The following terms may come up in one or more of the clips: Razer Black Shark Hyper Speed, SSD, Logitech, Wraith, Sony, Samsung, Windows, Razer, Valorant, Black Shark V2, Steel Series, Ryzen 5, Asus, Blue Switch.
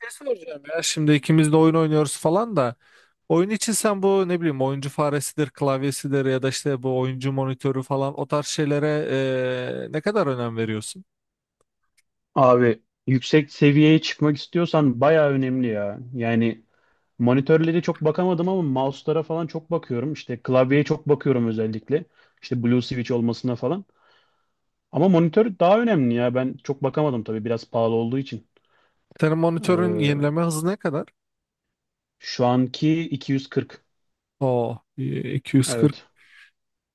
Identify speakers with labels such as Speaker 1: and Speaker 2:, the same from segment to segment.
Speaker 1: Şey soracağım ya, şimdi ikimiz de oyun oynuyoruz falan da. Oyun için sen bu ne bileyim oyuncu faresidir, klavyesidir ya da işte bu oyuncu monitörü falan, o tarz şeylere ne kadar önem veriyorsun?
Speaker 2: Abi yüksek seviyeye çıkmak istiyorsan bayağı önemli ya. Yani monitörlere çok bakamadım ama mouse'lara falan çok bakıyorum. İşte klavyeye çok bakıyorum özellikle. İşte Blue Switch olmasına falan. Ama monitör daha önemli ya. Ben çok bakamadım tabii biraz pahalı olduğu için.
Speaker 1: Senin monitörün
Speaker 2: Ee,
Speaker 1: yenileme hızı ne kadar?
Speaker 2: Şu anki 240.
Speaker 1: O 240.
Speaker 2: Evet.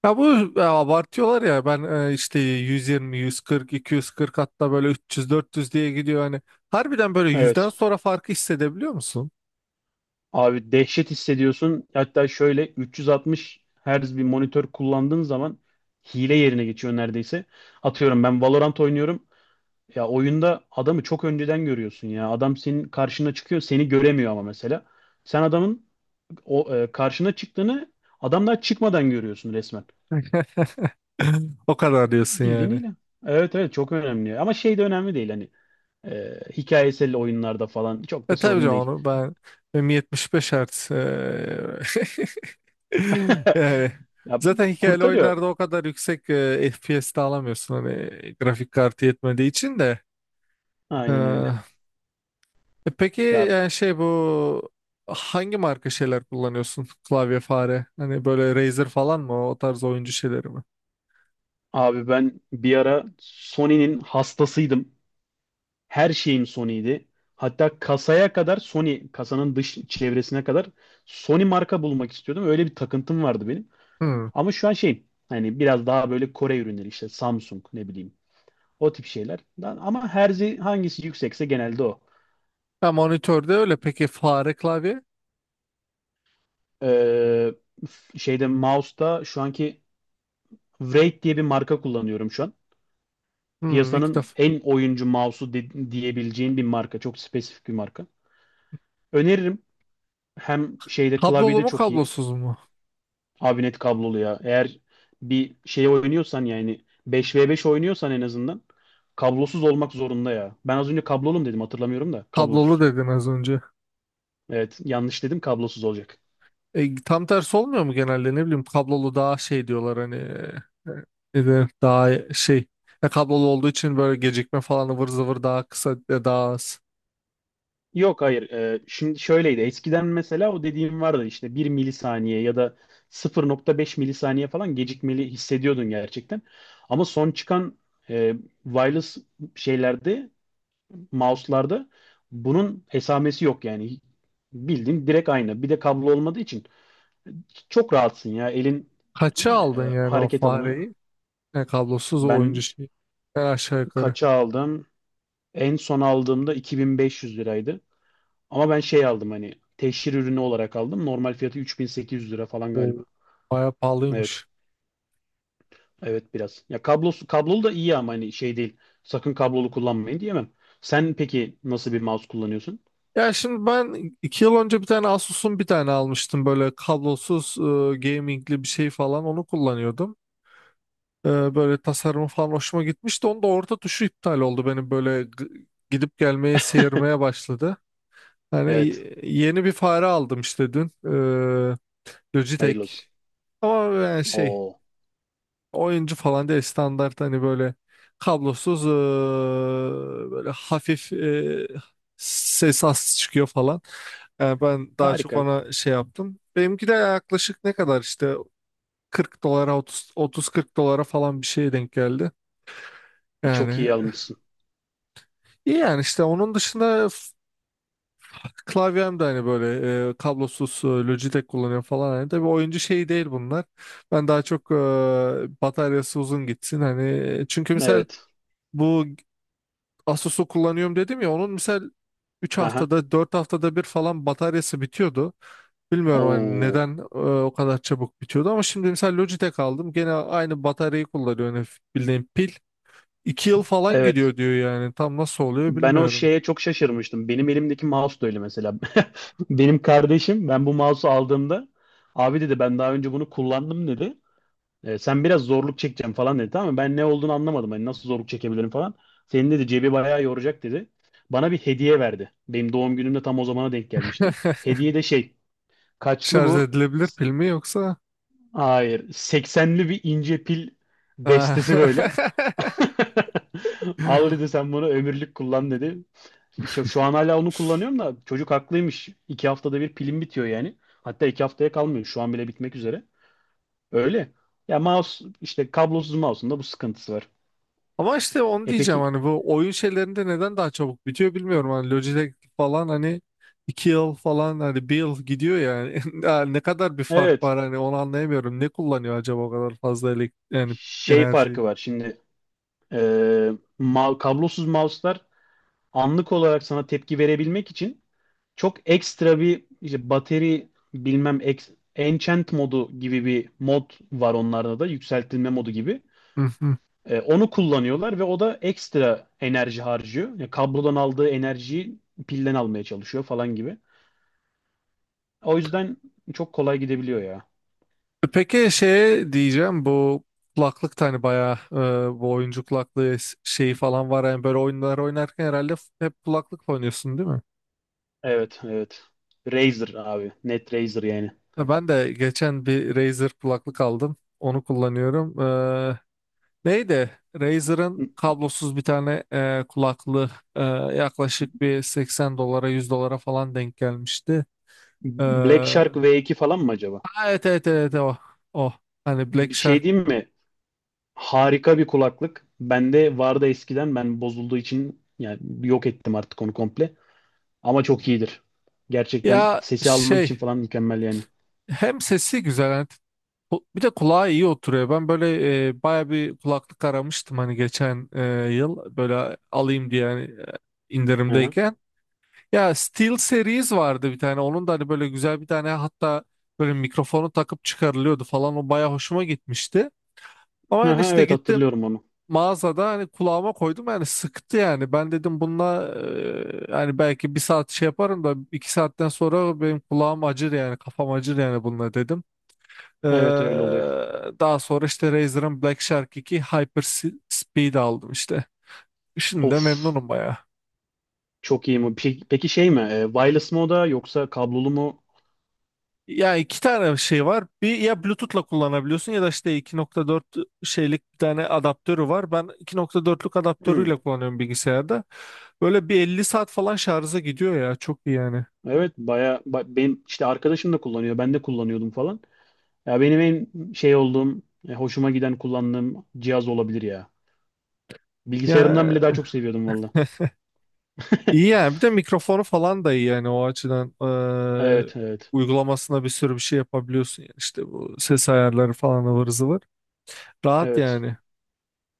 Speaker 1: Ya bu abartıyorlar ya, ben işte 120, 140, 240 hatta böyle 300, 400 diye gidiyor hani. Harbiden böyle yüzden
Speaker 2: Evet.
Speaker 1: sonra farkı hissedebiliyor musun?
Speaker 2: Abi dehşet hissediyorsun. Hatta şöyle 360 Hz bir monitör kullandığın zaman hile yerine geçiyor neredeyse. Atıyorum ben Valorant oynuyorum. Ya oyunda adamı çok önceden görüyorsun ya. Adam senin karşına çıkıyor, seni göremiyor ama mesela. Sen adamın o karşına çıktığını adam daha çıkmadan görüyorsun resmen.
Speaker 1: O kadar diyorsun
Speaker 2: Bildiğin
Speaker 1: yani.
Speaker 2: ile. Evet, evet, çok önemli. Ama şey de önemli değil hani hikayesel oyunlarda falan çok
Speaker 1: E
Speaker 2: da
Speaker 1: tabii
Speaker 2: sorun
Speaker 1: canım,
Speaker 2: değil.
Speaker 1: onu ben benim 75 Hz yani
Speaker 2: Ya
Speaker 1: zaten hikayeli
Speaker 2: kurtarıyor.
Speaker 1: oyunlarda o kadar yüksek FPS de alamıyorsun, hani grafik kartı yetmediği için de.
Speaker 2: Aynen öyle.
Speaker 1: Eee, peki
Speaker 2: Ya
Speaker 1: yani şey, bu hangi marka şeyler kullanıyorsun? Klavye, fare. Hani böyle Razer falan mı? O tarz oyuncu şeyleri mi?
Speaker 2: abi ben bir ara Sony'nin hastasıydım. Her şeyim Sony'ydi. Hatta kasaya kadar Sony, kasanın dış çevresine kadar Sony marka bulmak istiyordum. Öyle bir takıntım vardı benim.
Speaker 1: Hmm.
Speaker 2: Ama şu an şey hani biraz daha böyle Kore ürünleri işte Samsung ne bileyim o tip şeyler. Lan ama herzi hangisi yüksekse genelde o.
Speaker 1: Ha, monitörde öyle. Peki fare, klavye?
Speaker 2: Ee, Şeyde mouse'da şu anki Wraith diye bir marka kullanıyorum şu an.
Speaker 1: Hmm, ilk
Speaker 2: Piyasanın
Speaker 1: defa.
Speaker 2: en oyuncu diyebileceğin bir marka. Çok spesifik bir marka. Öneririm. Hem şeyde
Speaker 1: Kablolu
Speaker 2: klavyede
Speaker 1: mu,
Speaker 2: çok iyi.
Speaker 1: kablosuz mu?
Speaker 2: Abi net kablolu ya. Eğer bir şey oynuyorsan yani 5v5 oynuyorsan en azından kablosuz olmak zorunda ya. Ben az önce kablolum dedim hatırlamıyorum da
Speaker 1: Kablolu
Speaker 2: kablosuz.
Speaker 1: dedin az önce.
Speaker 2: Evet yanlış dedim kablosuz olacak.
Speaker 1: Tam tersi olmuyor mu genelde? Ne bileyim, kablolu daha şey diyorlar hani, e, ne denir? Daha şey, kablolu olduğu için böyle gecikme falan ıvır zıvır daha kısa, daha az.
Speaker 2: Yok hayır. Şimdi şöyleydi eskiden mesela o dediğim vardı işte bir milisaniye ya da 0.5 milisaniye falan gecikmeli hissediyordun gerçekten. Ama son çıkan e, wireless şeylerde mouse'larda bunun esamesi yok yani bildiğin direkt aynı. Bir de kablo olmadığı için çok rahatsın ya. Elin
Speaker 1: Kaça aldın yani o
Speaker 2: hareket alanı.
Speaker 1: fareyi? Kablosuz oyuncu
Speaker 2: Ben
Speaker 1: şey. Aşağı yukarı.
Speaker 2: kaça aldım? En son aldığımda 2500 liraydı. Ama ben şey aldım hani teşhir ürünü olarak aldım. Normal fiyatı 3800 lira falan galiba.
Speaker 1: O bayağı
Speaker 2: Evet.
Speaker 1: pahalıymış.
Speaker 2: Evet biraz. Ya kablosu kablolu da iyi ama hani şey değil. Sakın kablolu kullanmayın diyemem. Sen peki nasıl bir mouse kullanıyorsun?
Speaker 1: Ya şimdi ben 2 yıl önce bir tane Asus'un bir tane almıştım böyle kablosuz, gamingli bir şey falan, onu kullanıyordum. Böyle tasarımı falan hoşuma gitmişti. Onda orta tuşu iptal oldu benim, böyle gidip gelmeye, seyirmeye başladı. Yani
Speaker 2: Evet.
Speaker 1: yeni bir fare aldım işte dün.
Speaker 2: Hayırlı
Speaker 1: Logitech.
Speaker 2: olsun.
Speaker 1: Ama yani şey,
Speaker 2: Oo.
Speaker 1: oyuncu falan değil, standart hani, böyle kablosuz böyle hafif, ses az çıkıyor falan. Yani ben daha çok
Speaker 2: Harika.
Speaker 1: ona şey yaptım. Benimki de yaklaşık ne kadar işte, 40 dolara, 30 30-40 dolara falan bir şeye denk geldi.
Speaker 2: E, çok
Speaker 1: Yani
Speaker 2: iyi almışsın.
Speaker 1: İyi yani, işte onun dışında klavyem de hani böyle kablosuz Logitech kullanıyorum falan. Hani tabii oyuncu şeyi değil bunlar. Ben daha çok bataryası uzun gitsin hani. Çünkü misal
Speaker 2: Evet.
Speaker 1: bu Asus'u kullanıyorum dedim ya, onun misal üç
Speaker 2: Aha.
Speaker 1: haftada dört haftada bir falan bataryası bitiyordu. Bilmiyorum hani
Speaker 2: Oo.
Speaker 1: neden o kadar çabuk bitiyordu, ama şimdi mesela Logitech aldım. Gene aynı bataryayı kullanıyor hani, bildiğin pil. 2 yıl falan
Speaker 2: Evet.
Speaker 1: gidiyor diyor yani. Tam nasıl oluyor
Speaker 2: Ben o
Speaker 1: bilmiyorum.
Speaker 2: şeye çok şaşırmıştım. Benim elimdeki mouse da öyle mesela. Benim kardeşim ben bu mouse'u aldığımda abi dedi ben daha önce bunu kullandım dedi. E, sen biraz zorluk çekeceğim falan dedi. Tamam mı? Ben ne olduğunu anlamadım. Hani nasıl zorluk çekebilirim falan. Senin dedi cebi bayağı yoracak dedi. Bana bir hediye verdi. Benim doğum günümde tam o zamana denk gelmişti. Hediye de şey, kaçlı
Speaker 1: Şarj
Speaker 2: bu?
Speaker 1: edilebilir pil mi yoksa?
Speaker 2: Hayır seksenli bir ince pil destesi böyle.
Speaker 1: Ha.
Speaker 2: Al dedi sen bunu ömürlük kullan dedi. Şu an hala onu kullanıyorum da çocuk haklıymış. İki haftada bir pilim bitiyor yani. Hatta iki haftaya kalmıyor. Şu an bile bitmek üzere. Öyle. Ya mouse işte kablosuz mouse'un da bu sıkıntısı var.
Speaker 1: Ama işte onu
Speaker 2: E
Speaker 1: diyeceğim,
Speaker 2: peki
Speaker 1: hani bu oyun şeylerinde neden daha çabuk bitiyor bilmiyorum. Hani Logitech falan hani, 2 yıl falan, hani bir yıl gidiyor yani. Ya ne kadar bir fark
Speaker 2: evet
Speaker 1: var hani, onu anlayamıyorum. Ne kullanıyor acaba o kadar fazla elek, yani
Speaker 2: şey
Speaker 1: enerjiyi?
Speaker 2: farkı var. E, Kablosuz mouse'lar anlık olarak sana tepki verebilmek için çok ekstra bir işte bateri bilmem enchant modu gibi bir mod var onlarda da yükseltilme modu gibi.
Speaker 1: Hı hı.
Speaker 2: E, onu kullanıyorlar ve o da ekstra enerji harcıyor. Yani kablodan aldığı enerjiyi pilden almaya çalışıyor falan gibi. O yüzden çok kolay gidebiliyor ya.
Speaker 1: Peki, şeye diyeceğim, bu kulaklık da hani bayağı bu oyuncu kulaklığı şeyi falan var yani, böyle oyunlar oynarken herhalde hep kulaklıkla oynuyorsun değil mi?
Speaker 2: Evet, evet. Razer abi. Net Razer yani.
Speaker 1: Ya ben de geçen bir Razer kulaklık aldım. Onu kullanıyorum. Neydi? Razer'ın kablosuz bir tane kulaklığı, e, yaklaşık bir 80 dolara, 100 dolara falan denk gelmişti.
Speaker 2: Black Shark
Speaker 1: Ha,
Speaker 2: V2 falan mı acaba?
Speaker 1: evet evet evet, o. O. Hani Black
Speaker 2: Bir şey
Speaker 1: Shark.
Speaker 2: diyeyim mi? Harika bir kulaklık. Bende vardı eskiden. Ben bozulduğu için yani yok ettim artık onu komple. Ama çok iyidir. Gerçekten
Speaker 1: Ya
Speaker 2: sesi almak için
Speaker 1: şey,
Speaker 2: falan mükemmel yani.
Speaker 1: hem sesi güzel hani, bir de kulağa iyi oturuyor. Ben böyle baya bir kulaklık aramıştım hani, geçen yıl böyle alayım diye hani,
Speaker 2: Aha.
Speaker 1: indirimdeyken. Ya Steel Series vardı bir tane. Onun da hani böyle güzel bir tane, hatta böyle mikrofonu takıp çıkarılıyordu falan. O baya hoşuma gitmişti. Ama yani
Speaker 2: Aha,
Speaker 1: işte
Speaker 2: evet
Speaker 1: gittim
Speaker 2: hatırlıyorum onu.
Speaker 1: mağazada, hani kulağıma koydum, yani sıktı yani. Ben dedim bununla hani belki bir saat şey yaparım da, 2 saatten sonra benim kulağım acır yani, kafam acır yani bununla dedim. Eee,
Speaker 2: Evet öyle oluyor.
Speaker 1: Daha sonra işte Razer'ın Black Shark iki Hyper Speed aldım işte. Şimdi de
Speaker 2: Of
Speaker 1: memnunum baya.
Speaker 2: çok iyi mi? Peki, peki şey mi? E, wireless mı o da yoksa kablolu mu?
Speaker 1: Ya iki tane şey var. Bir ya Bluetooth'la kullanabiliyorsun, ya da işte 2.4 şeylik bir tane adaptörü var. Ben 2.4'lük
Speaker 2: Hmm,
Speaker 1: adaptörüyle kullanıyorum bilgisayarda. Böyle bir 50 saat falan şarja gidiyor ya. Çok iyi yani.
Speaker 2: evet benim işte arkadaşım da kullanıyor. Ben de kullanıyordum falan. Ya benim en şey olduğum, hoşuma giden kullandığım cihaz olabilir ya.
Speaker 1: Ya
Speaker 2: Bilgisayarımdan bile daha çok seviyordum valla.
Speaker 1: iyi yani. Bir de mikrofonu falan da iyi yani o açıdan. Ee,
Speaker 2: Evet, evet.
Speaker 1: Uygulamasına bir sürü bir şey yapabiliyorsun yani. İşte bu ses ayarları falan ıvır zıvır. Rahat
Speaker 2: Evet.
Speaker 1: yani.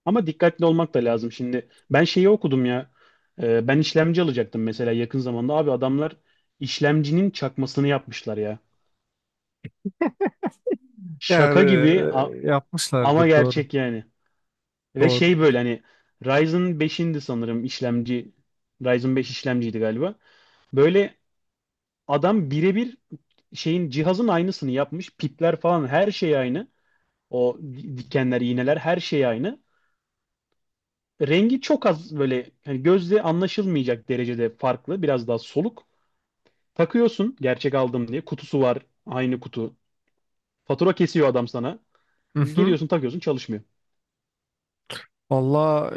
Speaker 2: Ama dikkatli olmak da lazım şimdi. Ben şeyi okudum ya. Ben işlemci alacaktım mesela yakın zamanda. Abi adamlar işlemcinin çakmasını yapmışlar ya.
Speaker 1: Yani
Speaker 2: Şaka gibi a- ama
Speaker 1: yapmışlardır doğru.
Speaker 2: gerçek yani. Ve
Speaker 1: Doğru.
Speaker 2: şey böyle hani Ryzen 5'indi sanırım işlemci. Ryzen 5 işlemciydi galiba. Böyle adam birebir cihazın aynısını yapmış. Pipler falan her şey aynı. O dikenler, iğneler her şey aynı. Rengi çok az böyle hani gözle anlaşılmayacak derecede farklı. Biraz daha soluk. Takıyorsun gerçek aldım diye. Kutusu var. Aynı kutu. Fatura kesiyor adam sana. Geliyorsun takıyorsun çalışmıyor.
Speaker 1: Valla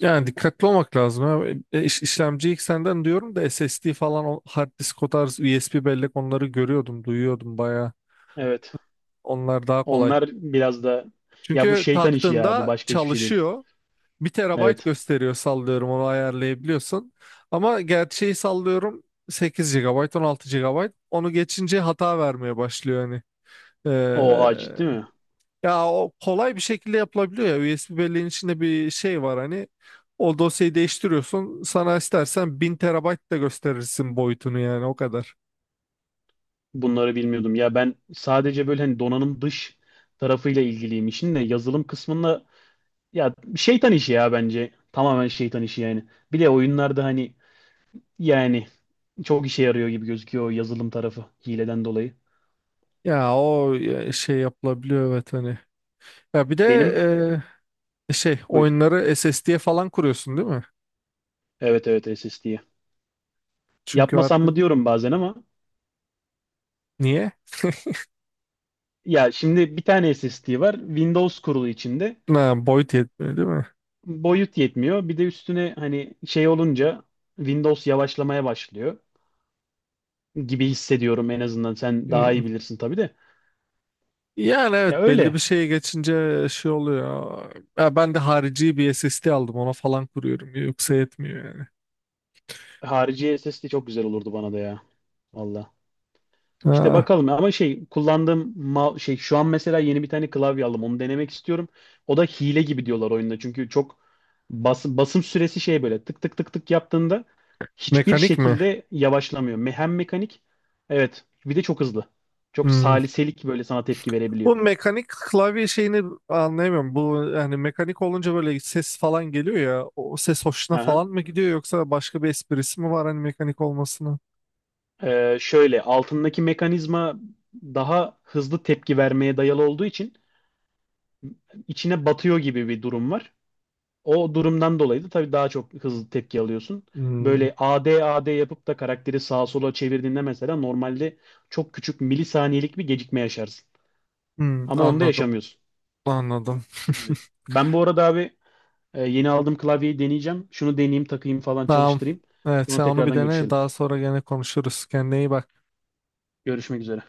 Speaker 1: yani dikkatli olmak lazım, ha. İşlemci ilk senden diyorum da, SSD falan, o hard disk, o tarz USB bellek, onları görüyordum, duyuyordum baya.
Speaker 2: Evet.
Speaker 1: Onlar daha kolay.
Speaker 2: Onlar biraz da ya bu
Speaker 1: Çünkü
Speaker 2: şeytan işi ya. Bu
Speaker 1: taktığında
Speaker 2: başka hiçbir şey değil.
Speaker 1: çalışıyor. Bir terabayt
Speaker 2: Evet.
Speaker 1: gösteriyor sallıyorum, onu ayarlayabiliyorsun. Ama gerçeği sallıyorum 8 gigabayt, 16 gigabayt, onu geçince hata vermeye başlıyor hani.
Speaker 2: Oha ciddi mi?
Speaker 1: Ya o kolay bir şekilde yapılabiliyor ya. USB belleğin içinde bir şey var hani. O dosyayı değiştiriyorsun. Sana istersen 1000 terabayt da gösterirsin boyutunu, yani o kadar.
Speaker 2: Bunları bilmiyordum. Ya ben sadece böyle hani donanım dış tarafıyla ilgiliyim işin de yazılım kısmında ya şeytan işi ya bence. Tamamen şeytan işi yani. Bir de oyunlarda hani yani çok işe yarıyor gibi gözüküyor o yazılım tarafı hileden dolayı.
Speaker 1: Ya o, ya şey yapılabiliyor, evet hani. Ya bir de
Speaker 2: Benim
Speaker 1: şey,
Speaker 2: buyur.
Speaker 1: oyunları SSD'ye falan kuruyorsun değil mi?
Speaker 2: Evet, evet, SSD.
Speaker 1: Çünkü
Speaker 2: Yapmasam
Speaker 1: artık
Speaker 2: mı diyorum bazen ama
Speaker 1: niye?
Speaker 2: ya şimdi bir tane SSD var. Windows kurulu içinde.
Speaker 1: Ha, boyut yetmiyor değil mi?
Speaker 2: Boyut yetmiyor. Bir de üstüne hani şey olunca Windows yavaşlamaya başlıyor gibi hissediyorum en azından. Sen daha
Speaker 1: Hmm.
Speaker 2: iyi bilirsin tabii de.
Speaker 1: Yani
Speaker 2: Ya
Speaker 1: evet, belli bir
Speaker 2: öyle.
Speaker 1: şeye geçince şey oluyor. Ya ben de harici bir SSD aldım, ona falan kuruyorum. Yoksa yetmiyor yani.
Speaker 2: Harici SSD çok güzel olurdu bana da ya. Valla. İşte
Speaker 1: Ha,
Speaker 2: bakalım ama şey şu an mesela yeni bir tane klavye aldım onu denemek istiyorum. O da hile gibi diyorlar oyunda çünkü çok basım süresi şey böyle tık tık tık tık yaptığında hiçbir
Speaker 1: mekanik mi?
Speaker 2: şekilde yavaşlamıyor. Hem mekanik evet bir de çok hızlı. Çok
Speaker 1: Hmm.
Speaker 2: saliselik böyle sana tepki verebiliyor.
Speaker 1: Bu mekanik klavye şeyini anlayamıyorum. Bu yani mekanik olunca böyle ses falan geliyor ya. O ses hoşuna
Speaker 2: Aha.
Speaker 1: falan mı gidiyor, yoksa başka bir esprisi mi var hani mekanik olmasına?
Speaker 2: Şöyle altındaki mekanizma daha hızlı tepki vermeye dayalı olduğu için içine batıyor gibi bir durum var. O durumdan dolayı da tabii daha çok hızlı tepki alıyorsun.
Speaker 1: Hmm.
Speaker 2: Böyle AD AD yapıp da karakteri sağa sola çevirdiğinde mesela normalde çok küçük milisaniyelik bir gecikme yaşarsın.
Speaker 1: Hmm,
Speaker 2: Ama onda
Speaker 1: anladım.
Speaker 2: yaşamıyorsun.
Speaker 1: Anladım.
Speaker 2: Evet. Ben bu arada abi yeni aldığım klavyeyi deneyeceğim. Şunu deneyeyim, takayım falan
Speaker 1: Tamam.
Speaker 2: çalıştırayım.
Speaker 1: Evet,
Speaker 2: Sonra
Speaker 1: sen onu bir
Speaker 2: tekrardan
Speaker 1: dene,
Speaker 2: görüşelim.
Speaker 1: daha sonra gene konuşuruz. Kendine iyi bak.
Speaker 2: Görüşmek üzere.